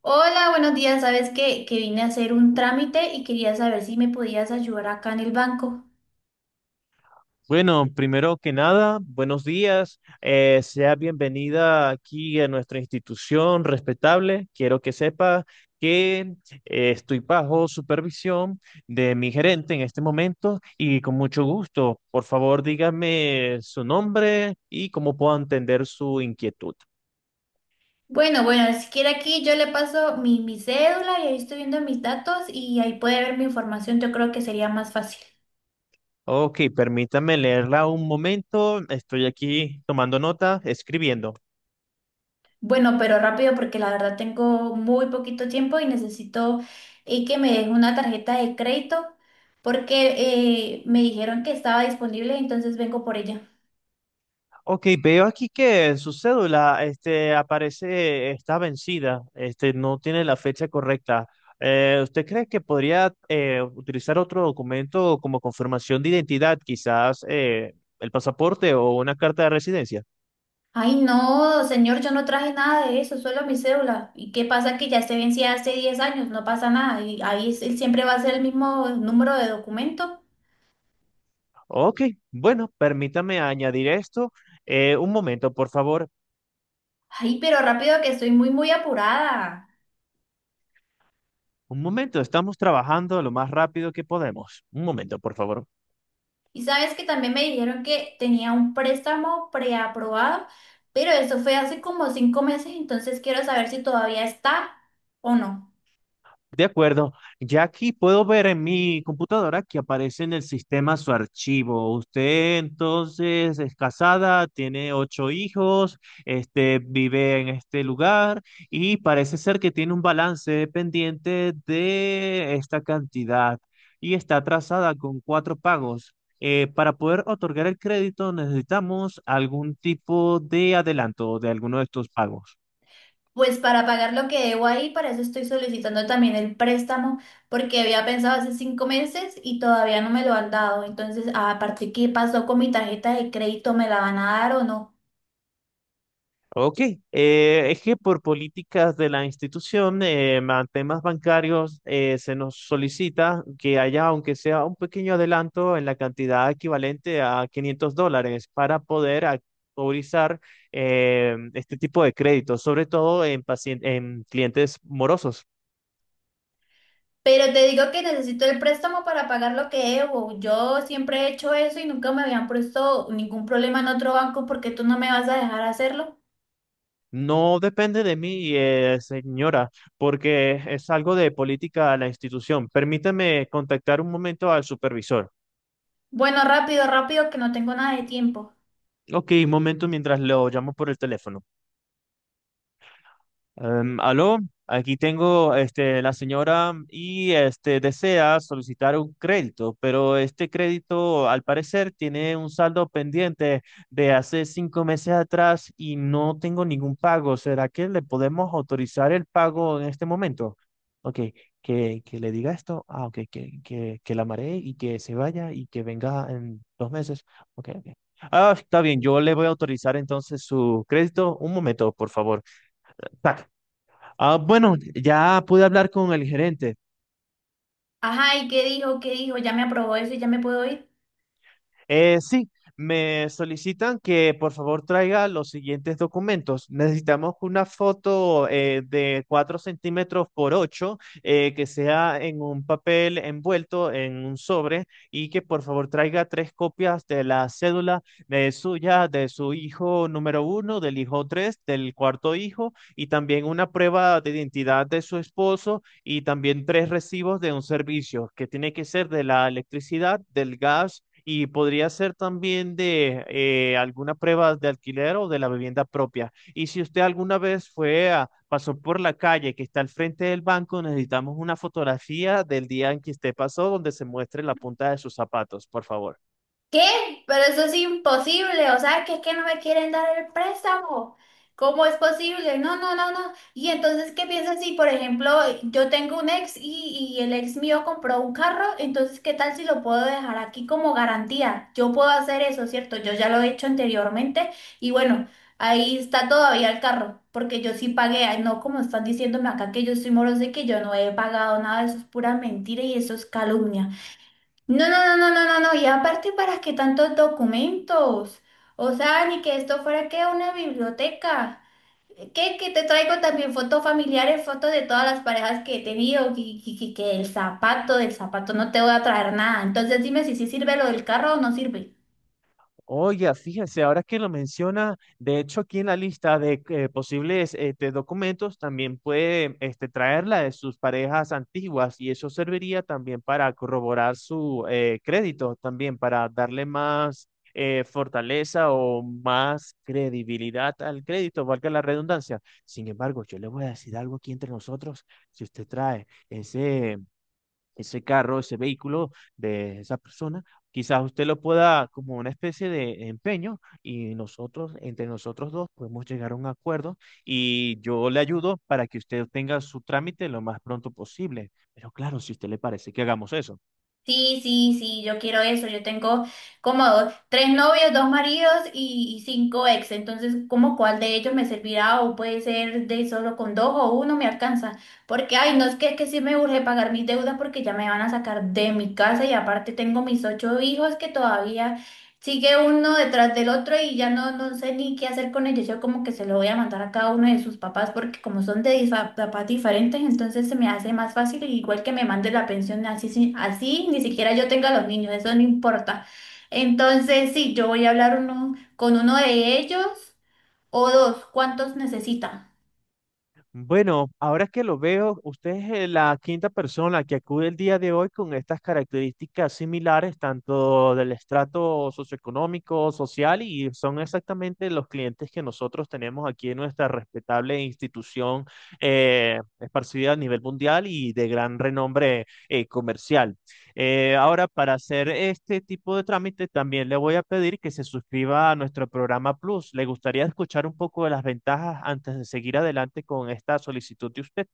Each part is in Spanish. Hola, buenos días. Sabes que vine a hacer un trámite y quería saber si me podías ayudar acá en el banco. Bueno, primero que nada, buenos días. Sea bienvenida aquí a nuestra institución respetable. Quiero que sepa que estoy bajo supervisión de mi gerente en este momento y con mucho gusto. Por favor, dígame su nombre y cómo puedo entender su inquietud. Bueno, bueno, si quiere aquí yo le paso mi cédula y ahí estoy viendo mis datos y ahí puede ver mi información. Yo creo que sería más fácil. Ok, permítame leerla un momento. Estoy aquí tomando nota, escribiendo. Bueno, pero rápido porque la verdad tengo muy poquito tiempo y necesito que me deje una tarjeta de crédito porque me dijeron que estaba disponible, entonces vengo por ella. Ok, veo aquí que en su cédula este, aparece, está vencida, este, no tiene la fecha correcta. ¿Usted cree que podría utilizar otro documento como confirmación de identidad, quizás el pasaporte o una carta de residencia? Ay, no, señor, yo no traje nada de eso, solo mi cédula. ¿Y qué pasa que ya se vencía hace 10 años? No pasa nada. Y ahí él siempre va a ser el mismo número de documento. Ok, bueno, permítame añadir esto. Un momento, por favor. Ay, pero rápido que estoy muy, muy apurada. Un momento, estamos trabajando lo más rápido que podemos. Un momento, por favor. Y sabes que también me dijeron que tenía un préstamo preaprobado, pero eso fue hace como 5 meses, entonces quiero saber si todavía está o no. De acuerdo, ya aquí puedo ver en mi computadora que aparece en el sistema su archivo. Usted entonces es casada, tiene ocho hijos, este, vive en este lugar y parece ser que tiene un balance pendiente de esta cantidad y está atrasada con cuatro pagos. Para poder otorgar el crédito necesitamos algún tipo de adelanto de alguno de estos pagos. Pues para pagar lo que debo ahí, para eso estoy solicitando también el préstamo, porque había pensado hace 5 meses y todavía no me lo han dado. Entonces, aparte, ¿qué pasó con mi tarjeta de crédito? ¿Me la van a dar o no? Ok, es que por políticas de la institución, temas bancarios, se nos solicita que haya, aunque sea un pequeño adelanto en la cantidad equivalente a 500 dólares para poder autorizar este tipo de créditos, sobre todo en, en clientes morosos. Pero te digo que necesito el préstamo para pagar lo que debo. Yo siempre he hecho eso y nunca me habían puesto ningún problema en otro banco porque tú no me vas a dejar hacerlo. No depende de mí, señora, porque es algo de política de la institución. Permítame contactar un momento al supervisor. Bueno, rápido, rápido, que no tengo nada de tiempo. Ok, un momento mientras lo llamo por el teléfono. Aló, aquí tengo este, la señora y este, desea solicitar un crédito, pero este crédito al parecer tiene un saldo pendiente de hace cinco meses atrás y no tengo ningún pago. ¿Será que le podemos autorizar el pago en este momento? Ok, que le diga esto. Ah, ok, que la maree y que se vaya y que venga en dos meses. Ok, ok. Ah, está bien, yo le voy a autorizar entonces su crédito. Un momento, por favor. Tac. Ah, bueno, ya pude hablar con el gerente. Ajá, ¿y qué dijo? ¿Qué dijo? ¿Ya me aprobó eso y ya me puedo ir? Sí, me solicitan que por favor traiga los siguientes documentos. Necesitamos una foto de 4 centímetros por 8 que sea en un papel envuelto en un sobre y que por favor traiga tres copias de la cédula de suya, de su hijo número uno, del hijo 3, del cuarto hijo y también una prueba de identidad de su esposo y también tres recibos de un servicio que tiene que ser de la electricidad, del gas y podría ser también de alguna prueba de alquiler o de la vivienda propia. Y si usted alguna vez fue a, pasó por la calle que está al frente del banco, necesitamos una fotografía del día en que usted pasó donde se muestre la punta de sus zapatos, por favor. ¿Qué? Pero eso es imposible, o sea, que es que no me quieren dar el préstamo. ¿Cómo es posible? No, no, no, no. Y entonces, ¿qué piensas si, por ejemplo, yo tengo un ex y el ex mío compró un carro? Entonces, ¿qué tal si lo puedo dejar aquí como garantía? Yo puedo hacer eso, ¿cierto? Yo ya lo he hecho anteriormente y bueno, ahí está todavía el carro, porque yo sí pagué, ay, no como están diciéndome acá que yo soy morosa y que yo no he pagado nada, eso es pura mentira y eso es calumnia. No, no, no, no, no, no, no. Y aparte, ¿para qué tantos documentos? O sea, ni que esto fuera que una biblioteca. ¿Qué? Que te traigo también fotos familiares, fotos de todas las parejas que he tenido, que el zapato del zapato no te voy a traer nada. Entonces dime si sí sirve lo del carro o no sirve. Oiga, fíjese, ahora que lo menciona, de hecho aquí en la lista de posibles este, documentos también puede este, traer la de sus parejas antiguas y eso serviría también para corroborar su crédito, también para darle más fortaleza o más credibilidad al crédito, valga la redundancia. Sin embargo, yo le voy a decir algo aquí entre nosotros, si usted trae ese carro, ese vehículo de esa persona, quizás usted lo pueda como una especie de empeño y nosotros, entre nosotros dos, podemos llegar a un acuerdo y yo le ayudo para que usted tenga su trámite lo más pronto posible. Pero claro, si a usted le parece que hagamos eso. Sí, sí, sí, yo quiero eso. Yo tengo como tres novios, dos maridos y cinco ex. Entonces, ¿cómo cuál de ellos me servirá? O puede ser de solo con dos o uno me alcanza. Porque, ay, no es que sí me urge pagar mis deudas porque ya me van a sacar de mi casa y aparte tengo mis ocho hijos que todavía sigue uno detrás del otro y ya no, no sé ni qué hacer con ellos. Yo como que se lo voy a mandar a cada uno de sus papás porque como son de papás diferentes, entonces se me hace más fácil, igual que me mande la pensión así, así ni siquiera yo tenga los niños, eso no importa. Entonces, sí, yo voy a hablar con uno de ellos o dos, ¿cuántos necesita? Bueno, ahora que lo veo, usted es la quinta persona que acude el día de hoy con estas características similares, tanto del estrato socioeconómico, social, y son exactamente los clientes que nosotros tenemos aquí en nuestra respetable institución esparcida a nivel mundial y de gran renombre comercial. Ahora, para hacer este tipo de trámite, también le voy a pedir que se suscriba a nuestro programa Plus. ¿Le gustaría escuchar un poco de las ventajas antes de seguir adelante con esta solicitud de usted?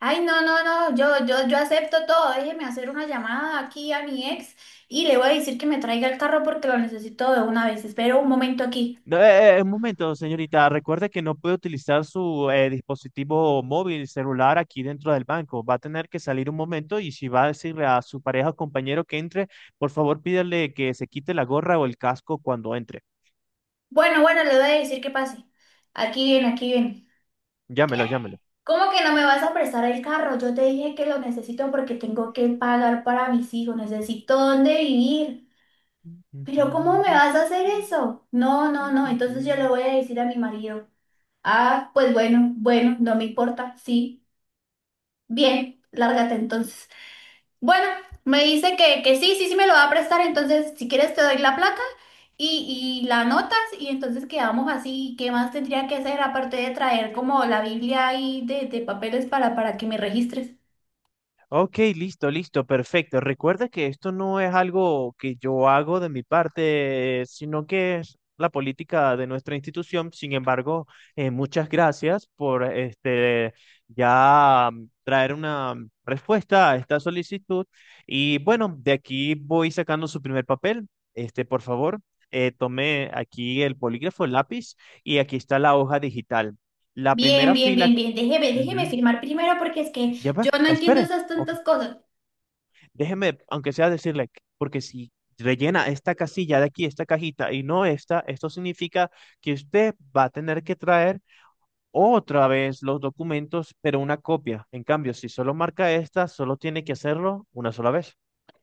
Ay, no, no, no, yo acepto todo. Déjeme hacer una llamada aquí a mi ex y le voy a decir que me traiga el carro porque lo necesito de una vez. Espero un momento aquí. No, un momento, señorita. Recuerde que no puede utilizar su dispositivo móvil, celular aquí dentro del banco. Va a tener que salir un momento y si va a decirle a su pareja o compañero que entre, por favor, pídale que se quite la gorra o el casco cuando entre. Bueno, bueno, le voy a decir que pase. Aquí viene, aquí viene. Llámelo, llámelo. ¿Cómo que no me vas a prestar el carro? Yo te dije que lo necesito porque tengo que pagar para mis hijos, necesito dónde vivir. Pero ¿cómo me vas a hacer eso? No, no, no, entonces yo le voy a decir a mi marido. Ah, pues bueno, bueno, no me importa, sí. Bien, lárgate entonces. Bueno, me dice que sí, sí, sí me lo va a prestar, entonces si quieres te doy la placa y la anotas y entonces quedamos así. ¿Qué más tendría que hacer aparte de traer como la Biblia ahí de papeles para que me registres? Ok, listo, listo, perfecto. Recuerda que esto no es algo que yo hago de mi parte, sino que es la política de nuestra institución. Sin embargo, muchas gracias por este ya traer una respuesta a esta solicitud. Y bueno, de aquí voy sacando su primer papel. Este, por favor, tome aquí el polígrafo, el lápiz, y aquí está la hoja digital. La Bien, primera bien, fila. bien, bien, déjeme, déjeme Ujú. firmar primero porque es que Ya va, yo no entiendo espere. esas Ok. tantas cosas. Déjeme, aunque sea decirle, porque si rellena esta casilla de aquí, esta cajita y no esta, esto significa que usted va a tener que traer otra vez los documentos, pero una copia. En cambio, si solo marca esta, solo tiene que hacerlo una sola vez.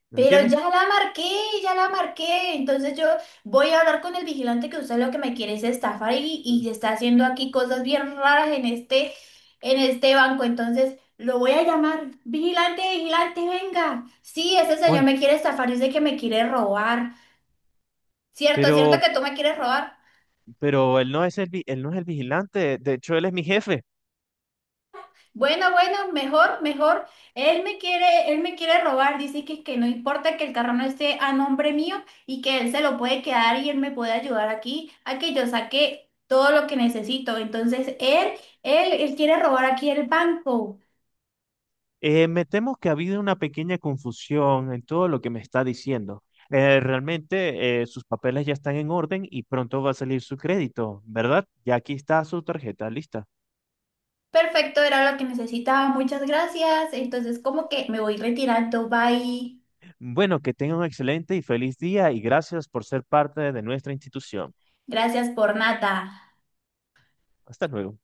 ¿Me Pero entiende? ya la marqué, ya la marqué. Entonces yo voy a hablar con el vigilante que usted lo que me quiere es estafar y está haciendo aquí cosas bien raras en este banco. Entonces lo voy a llamar. Vigilante, vigilante, venga. Sí, ese señor ¿Cuál? me quiere estafar, dice que me quiere robar. Cierto, cierto Pero, que tú me quieres robar. pero él no es el, él no es el vigilante. De hecho, él es mi jefe. Bueno, bueno, mejor, mejor. Él me quiere robar, dice que no importa que el carro no esté a nombre mío y que él se lo puede quedar y él me puede ayudar aquí a que yo saque todo lo que necesito. Entonces, él quiere robar aquí el banco. Me temo que ha habido una pequeña confusión en todo lo que me está diciendo. Realmente sus papeles ya están en orden y pronto va a salir su crédito, ¿verdad? Ya aquí está su tarjeta lista. Perfecto, era lo que necesitaba. Muchas gracias. Entonces, como que me voy retirando. Bye. Bueno, que tenga un excelente y feliz día y gracias por ser parte de nuestra institución. Gracias por nada. Hasta luego.